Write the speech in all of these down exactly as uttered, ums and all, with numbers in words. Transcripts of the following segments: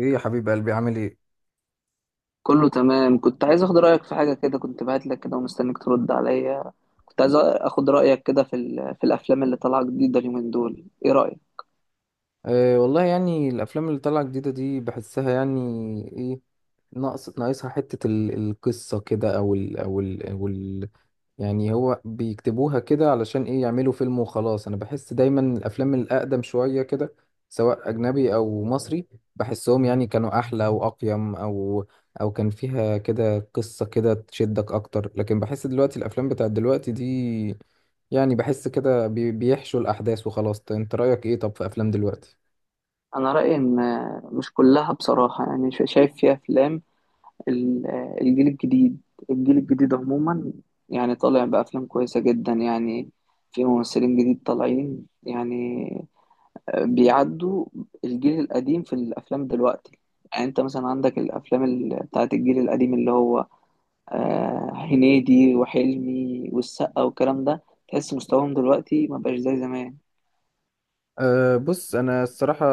ايه يا حبيب قلبي، عامل ايه؟ كله تمام. كنت عايز اخد رايك في حاجه كده، كنت بعت لك كده ومستنيك ترد عليا. كنت عايز اخد رايك كده في ال- في الافلام اللي طالعه جديده اليومين دول، ايه رايك؟ أه والله، يعني الافلام اللي طالعه جديده دي بحسها يعني ايه، ناقص ناقصها حته ال- القصه كده، او ال او ال او ال يعني هو بيكتبوها كده علشان ايه، يعملوا فيلم وخلاص. انا بحس دايما الافلام الاقدم شويه كده، سواء اجنبي او مصري، بحسهم يعني كانوا احلى واقيم، او او كان فيها كده قصه كده تشدك اكتر. لكن بحس دلوقتي الافلام بتاعت دلوقتي دي، يعني بحس كده بي- بيحشوا الأحداث وخلاص. انت رأيك ايه طب في أفلام دلوقتي؟ انا رايي ان مش كلها بصراحه، يعني شا- شايف فيها افلام ال- الجيل الجديد. الجيل الجديد عموما يعني طالع بافلام كويسه جدا يعني. في ممثلين جديد طالعين يعني، بيعدوا الجيل القديم في الافلام دلوقتي. يعني انت مثلا عندك الافلام ال- بتاعت الجيل القديم اللي هو آه، هنيدي وحلمي والسقا والكلام ده، تحس مستواهم دلوقتي ما بقاش زي زمان. أه بص، أنا الصراحة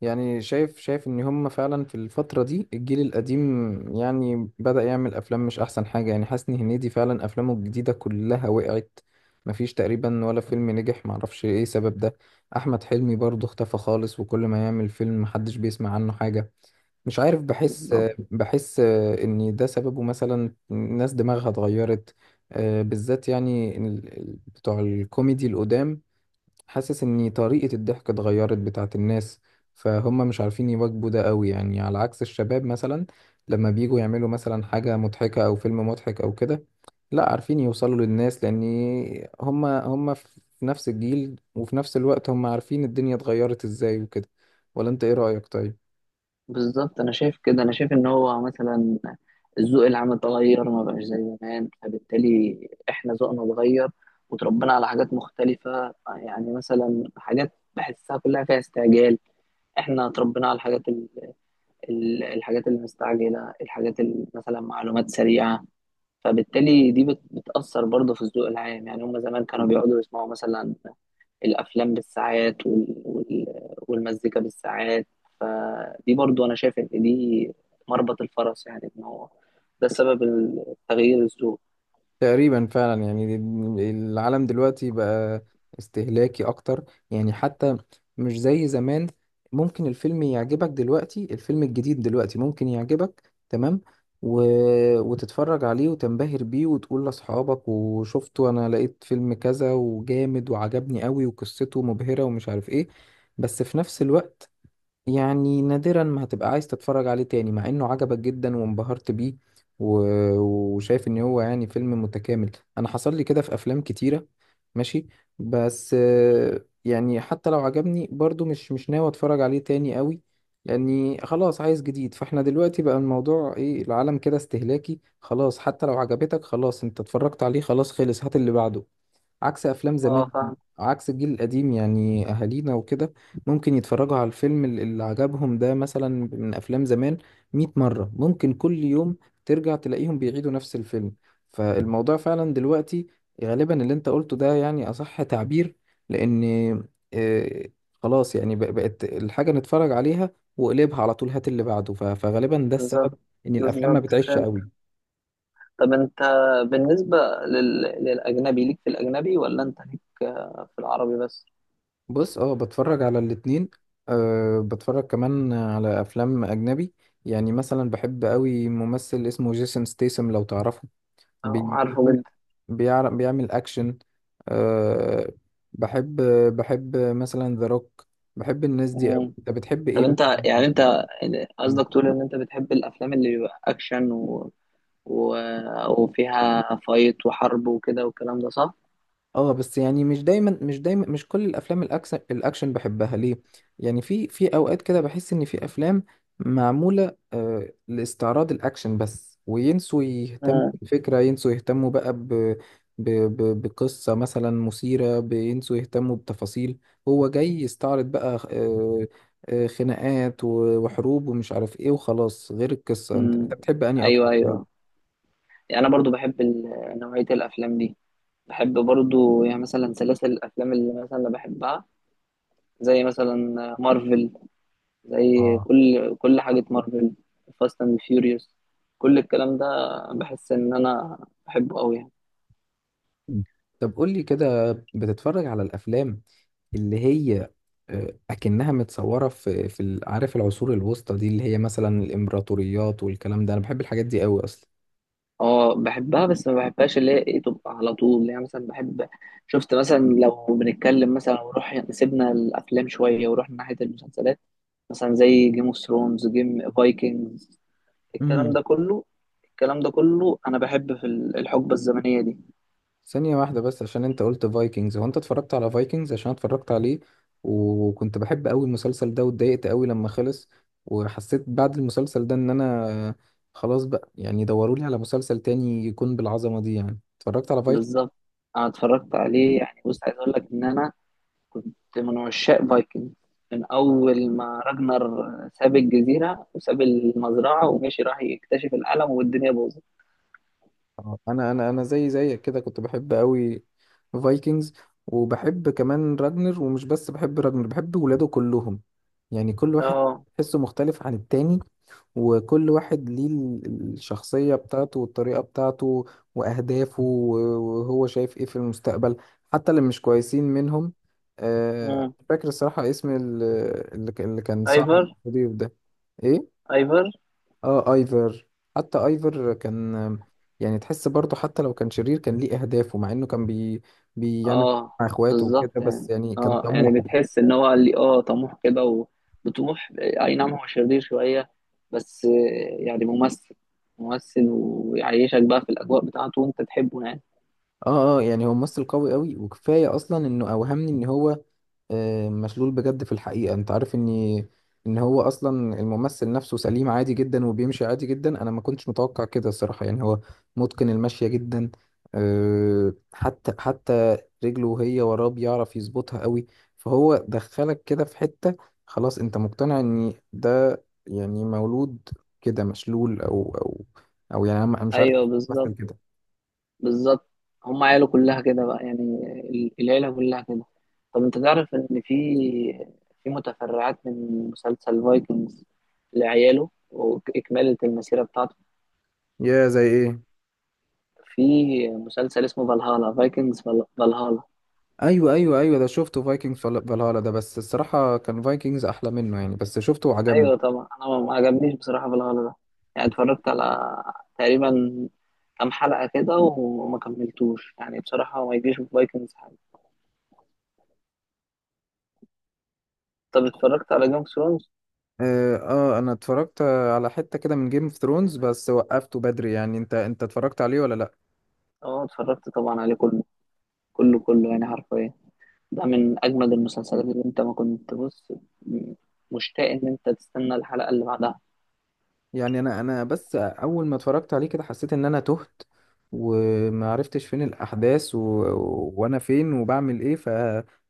يعني شايف شايف إن هم فعلا في الفترة دي الجيل القديم يعني بدأ يعمل أفلام مش أحسن حاجة. يعني حسني هنيدي فعلا أفلامه الجديدة كلها وقعت، مفيش تقريبا ولا فيلم نجح. معرفش ايه سبب ده. أحمد حلمي برضه اختفى خالص، وكل ما يعمل فيلم محدش بيسمع عنه حاجة. مش عارف، بحس بالظبط. بحس آه، ان ده سببه مثلا ناس دماغها اتغيرت. آه، بالذات يعني ال- ال- بتوع الكوميدي القدام حاسس ان طريقة الضحك اتغيرت بتاعت الناس، فهم مش عارفين يواكبوا ده قوي، يعني على عكس الشباب مثلا، لما بييجوا يعملوا مثلا حاجة مضحكة او فيلم مضحك او كده، لا عارفين يوصلوا للناس، لان هم هم في نفس الجيل، وفي نفس الوقت هم عارفين الدنيا اتغيرت ازاي وكده. ولا انت ايه رأيك طيب؟ بالظبط، انا شايف كده، انا شايف ان هو مثلا الذوق العام اتغير، ما بقاش زي زمان، فبالتالي احنا ذوقنا اتغير وتربينا على حاجات مختلفة. يعني مثلا حاجات بحسها كلها فيها استعجال، احنا اتربينا على الحاجات ال... ال- الحاجات المستعجلة، الحاجات ال- مثلا معلومات سريعة. فبالتالي دي بت- بتأثر برضه في الذوق العام. يعني هم زمان كانوا بيقعدوا يسمعوا مثلا الأفلام بالساعات وال... وال... والمزيكا بالساعات. فدي برضه أنا شايف إن دي مربط الفرس، يعني إن هو ده سبب تغيير الذوق. تقريبا فعلا، يعني العالم دلوقتي بقى استهلاكي اكتر، يعني حتى مش زي زمان. ممكن الفيلم يعجبك دلوقتي، الفيلم الجديد دلوقتي ممكن يعجبك تمام و... وتتفرج عليه وتنبهر بيه وتقول لاصحابك وشفته، انا لقيت فيلم كذا وجامد وعجبني قوي وقصته مبهرة ومش عارف ايه. بس في نفس الوقت، يعني نادرا ما هتبقى عايز تتفرج عليه تاني، مع انه عجبك جدا وانبهرت بيه و... وشايف ان هو يعني فيلم متكامل. انا حصل لي كده في افلام كتيرة، ماشي، بس آه، يعني حتى لو عجبني برضو، مش مش ناوي اتفرج عليه تاني قوي، لاني خلاص عايز جديد. فاحنا دلوقتي بقى الموضوع ايه، العالم كده استهلاكي خلاص. حتى لو عجبتك خلاص، انت اتفرجت عليه خلاص، خلص، هات اللي بعده. عكس افلام اه زمان، فاهم. عكس الجيل القديم، يعني اهالينا وكده، ممكن يتفرجوا على الفيلم ال- اللي عجبهم ده مثلا من افلام زمان مية مرة، ممكن كل يوم ترجع تلاقيهم بيعيدوا نفس الفيلم. فالموضوع فعلا دلوقتي غالبا اللي انت قلته ده يعني اصح تعبير، لان آه، خلاص، يعني بق- بقت الحاجة نتفرج عليها وقلبها على طول، هات اللي بعده. ف- فغالبا ده السبب بالظبط. ان الافلام ما بالظبط بتعيش فهمت. قوي. طب أنت بالنسبة لل... للأجنبي، ليك في الأجنبي ولا أنت ليك في العربي بس؟ بص، اه، بتفرج على الاتنين. أه، بتفرج كمان على افلام اجنبي، يعني مثلا بحب قوي ممثل اسمه جيسون ستيسم، لو تعرفه. اه بي- عارفه جدا. بيعمل بيعر- بيعمل اكشن. أه بحب بحب مثلا ذا روك. بحب الناس دي قوي. مم. انت بتحب طب ايه أنت، مثلا؟ يعني أنت قصدك تقول إن أنت بتحب الأفلام اللي بيبقى أكشن و... و... وفيها فايت وحرب وكده والكلام ده، صح؟ اه، بس يعني مش دايما مش دايما، مش كل الافلام الاكشن، الاكشن بحبها ليه. يعني في في اوقات كده بحس ان في افلام معموله آه لاستعراض الاكشن بس، وينسوا يهتموا آه. بالفكره، ينسوا يهتموا بقى ب ب ب بقصه مثلا مثيره، بينسوا يهتموا بتفاصيل. هو جاي يستعرض بقى آه آه خناقات و- وحروب ومش عارف ايه وخلاص، غير القصه. انت انت مم. بتحب انهي ايوه اكتر طيب؟ ايوه، يعني انا برضو بحب ال- نوعيه الافلام دي. بحب برضو يعني مثلا سلاسل الافلام اللي مثلا انا بحبها، زي مثلا مارفل، زي اه. كل كل حاجه مارفل، فاست اند فيوريوس، كل الكلام ده، بحس ان انا بحبه قوي يعني. مم. طب قول لي كده، بتتفرج على الافلام اللي هي آه، اكنها متصوره في في ال- عارف، العصور الوسطى دي، اللي هي مثلا الامبراطوريات والكلام ده، انا بحب الحاجات دي قوي اصلا. اه بحبها، بس ما بحبهاش اللي هي ايه تبقى على طول. اللي هي مثلا بحب، شفت مثلا لو بنتكلم مثلا ونروح سيبنا الافلام شويه ورحنا ناحيه المسلسلات، مثلا زي جيم اوف ثرونز، جيم فايكنجز، الكلام مهم. ده كله، الكلام ده كله انا بحب في ال- الحقبه الزمنيه دي. ثانيه واحده بس، عشان انت قلت فايكنجز، هو انت اتفرجت على فايكنجز؟ عشان أنا اتفرجت عليه وكنت بحب قوي المسلسل ده، واتضايقت قوي لما خلص. وحسيت بعد المسلسل ده ان انا خلاص بقى، يعني دوروا لي على مسلسل تاني يكون بالعظمه دي. يعني اتفرجت على بالظبط، انا اتفرجت عليه. يعني بص، عايز اقول لك ان انا كنت من عشاق فايكنج من اول ما راجنر ساب الجزيره وساب المزرعه ومشي راح يكتشف العالم والدنيا باظت. آه، انا انا انا زي زيك كده، كنت بحب قوي فايكنجز. وبحب كمان راجنر، ومش بس بحب راجنر، بحب ولاده كلهم. يعني كل واحد اه تحسه مختلف عن التاني، وكل واحد ليه ال- الشخصية بتاعته والطريقة بتاعته وأهدافه، و- وهو شايف إيه في المستقبل. حتى اللي مش كويسين منهم، آه، مش فاكر الصراحة اسم ال- اللي ك- اللي كان صاحب ايفر. الضيف ده. إيه؟ ايفر. اه، ايفر. حتى ايفر كان يعني، تحس برضه حتى لو كان شرير، كان ليه اهدافه، مع انه كان بي بيعمل اه مع اخواته وكده، بالظبط بس يعني. يعني كان اه طموح. يعني بتحس ان هو، قال لي اه طموح كده و- وطموح، اي نعم، هو شرير شويه بس آه، يعني ممثل ممثل ويعيشك بقى في الاجواء بتاعته وانت تحبه يعني. اه اه، يعني هو ممثل قوي قوي، وكفايه اصلا انه اوهمني ان هو آه، مشلول بجد. في الحقيقة انت عارف اني، ان هو اصلا الممثل نفسه سليم عادي جدا وبيمشي عادي جدا. انا ما كنتش متوقع كده الصراحة، يعني هو متقن المشية جدا. آه، حتى حتى رجله وهي وراه بيعرف يظبطها قوي. فهو دخلك كده في حتة خلاص انت مقتنع ان ده يعني مولود كده مشلول، او او او يعني انا مش عارف ايوه بالظبط. مثلا كده. بالظبط، هم عياله كلها كده بقى، يعني ال- العيله كلها كده. طب انت تعرف ان في، في متفرعات من مسلسل فايكنجز لعياله واكماله المسيره بتاعته؟ يا زي ايه؟ في مسلسل اسمه فالهالا فايكنجز، فالهالا. ايوه ايوه ايوه، ده شفته، فايكنج فالهالا ده، بس الصراحه كان فايكنجز احلى منه، يعني بس شفته وعجبني. ايوه طبعا، انا ما ما عجبنيش بصراحه فالهالا ده. يعني اتفرجت على تقريبا كام حلقه كده وما كملتوش يعني بصراحه، ما يجيش في فايكنجز حاجه. طب اتفرجت على جيم اوف ثرونز؟ آه, اه، انا اتفرجت على حته كده من جيم اوف ثرونز، بس وقفته بدري. يعني انت انت اتفرجت عليه ولا لا؟ اه اتفرجت طبعا عليه كله، كله كله يعني حرفيا. ده من اجمد المسلسلات اللي انت ما كنت بص، م- مشتاق ان انت تستنى الحلقه اللي بعدها. يعني انا انا بس اول ما اتفرجت عليه كده، حسيت ان انا تهت وما عرفتش فين الاحداث و... وانا فين وبعمل ايه، ف...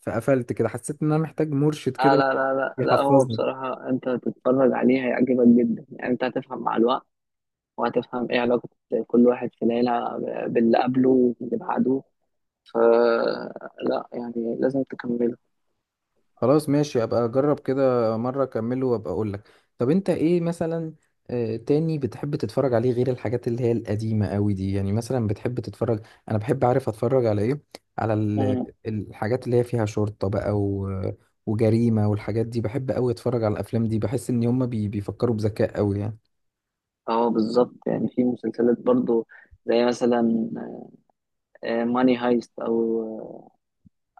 فقفلت كده، حسيت ان انا محتاج مرشد لا كده لا لا لا لا، هو يحفظني. بصراحة أنت هتتفرج عليه هيعجبك جدا. يعني أنت هتفهم مع الوقت، وهتفهم ايه علاقة كل واحد في العيلة باللي قبله واللي بعده. فلا، يعني لازم تكمله. خلاص، ماشي، ابقى اجرب كده مره، اكمله وابقى اقول لك. طب انت ايه مثلا آه، تاني بتحب تتفرج عليه غير الحاجات اللي هي القديمه قوي دي؟ يعني مثلا بتحب تتفرج، انا بحب اعرف اتفرج على ايه. على ال- مم. الحاجات اللي هي فيها شرطه بقى و... وجريمه، والحاجات دي بحب قوي اتفرج على الافلام دي. بحس ان هم بي... بيفكروا بذكاء قوي يعني. اه بالظبط، يعني في مسلسلات برضو زي مثلا ماني هايست، او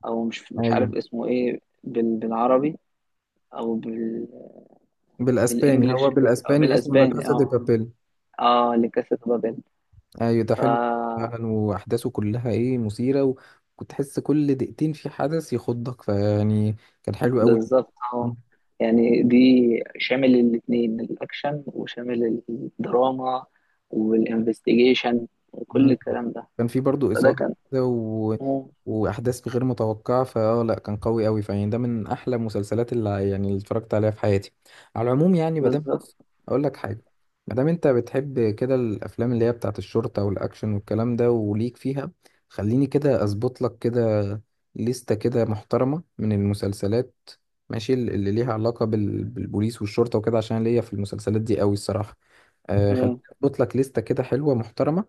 آه، او مش مش ايوه، عارف اسمه ايه بال- بالعربي او بال بالاسباني، هو بالانجلش. بالاسباني اسمه لا بالاسباني كاسا دي اه. بابيل. اه لكاسا دي بابيل. ايوه ده حلو فعلا، واحداثه كلها ايه، مثيره، وكنت تحس كل دقيقتين في حدث يخضك فيعني كان حلو قوي. بالظبط اه، يعني دي شامل الاثنين الاكشن وشامل الدراما والانفستيجيشن وكل مم. الكلام ده، كان في برضو فده إثارة كان. كده و... مم. وأحداث غير متوقعة، فأه، لأ، كان قوي أوي فيعني ده من أحلى المسلسلات اللي يعني اللي اتفرجت عليها في حياتي على العموم. يعني مادام بص، بالظبط. أقول لك حاجة، مادام أنت بتحب كده الأفلام اللي هي بتاعة الشرطة والأكشن والكلام ده وليك فيها، خليني كده أظبط لك كده لستة كده محترمة من المسلسلات، ماشي، اللي اللي ليها علاقة بال... بالبوليس والشرطة وكده، عشان ليا في المسلسلات دي أوي الصراحة. آه، خليني مم. اظبط لك لستة كده حلوة محترمة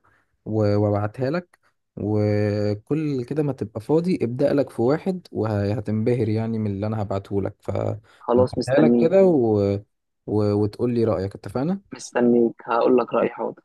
و- وابعتها لك. وكل كده ما تبقى فاضي ابدأ لك في واحد، وهتنبهر يعني من اللي انا هبعته لك، خلاص فهبعتها لك مستنيك. كده و... و... وتقول لي رأيك، اتفقنا؟ مستنيك، هقول لك رأيي حاضر.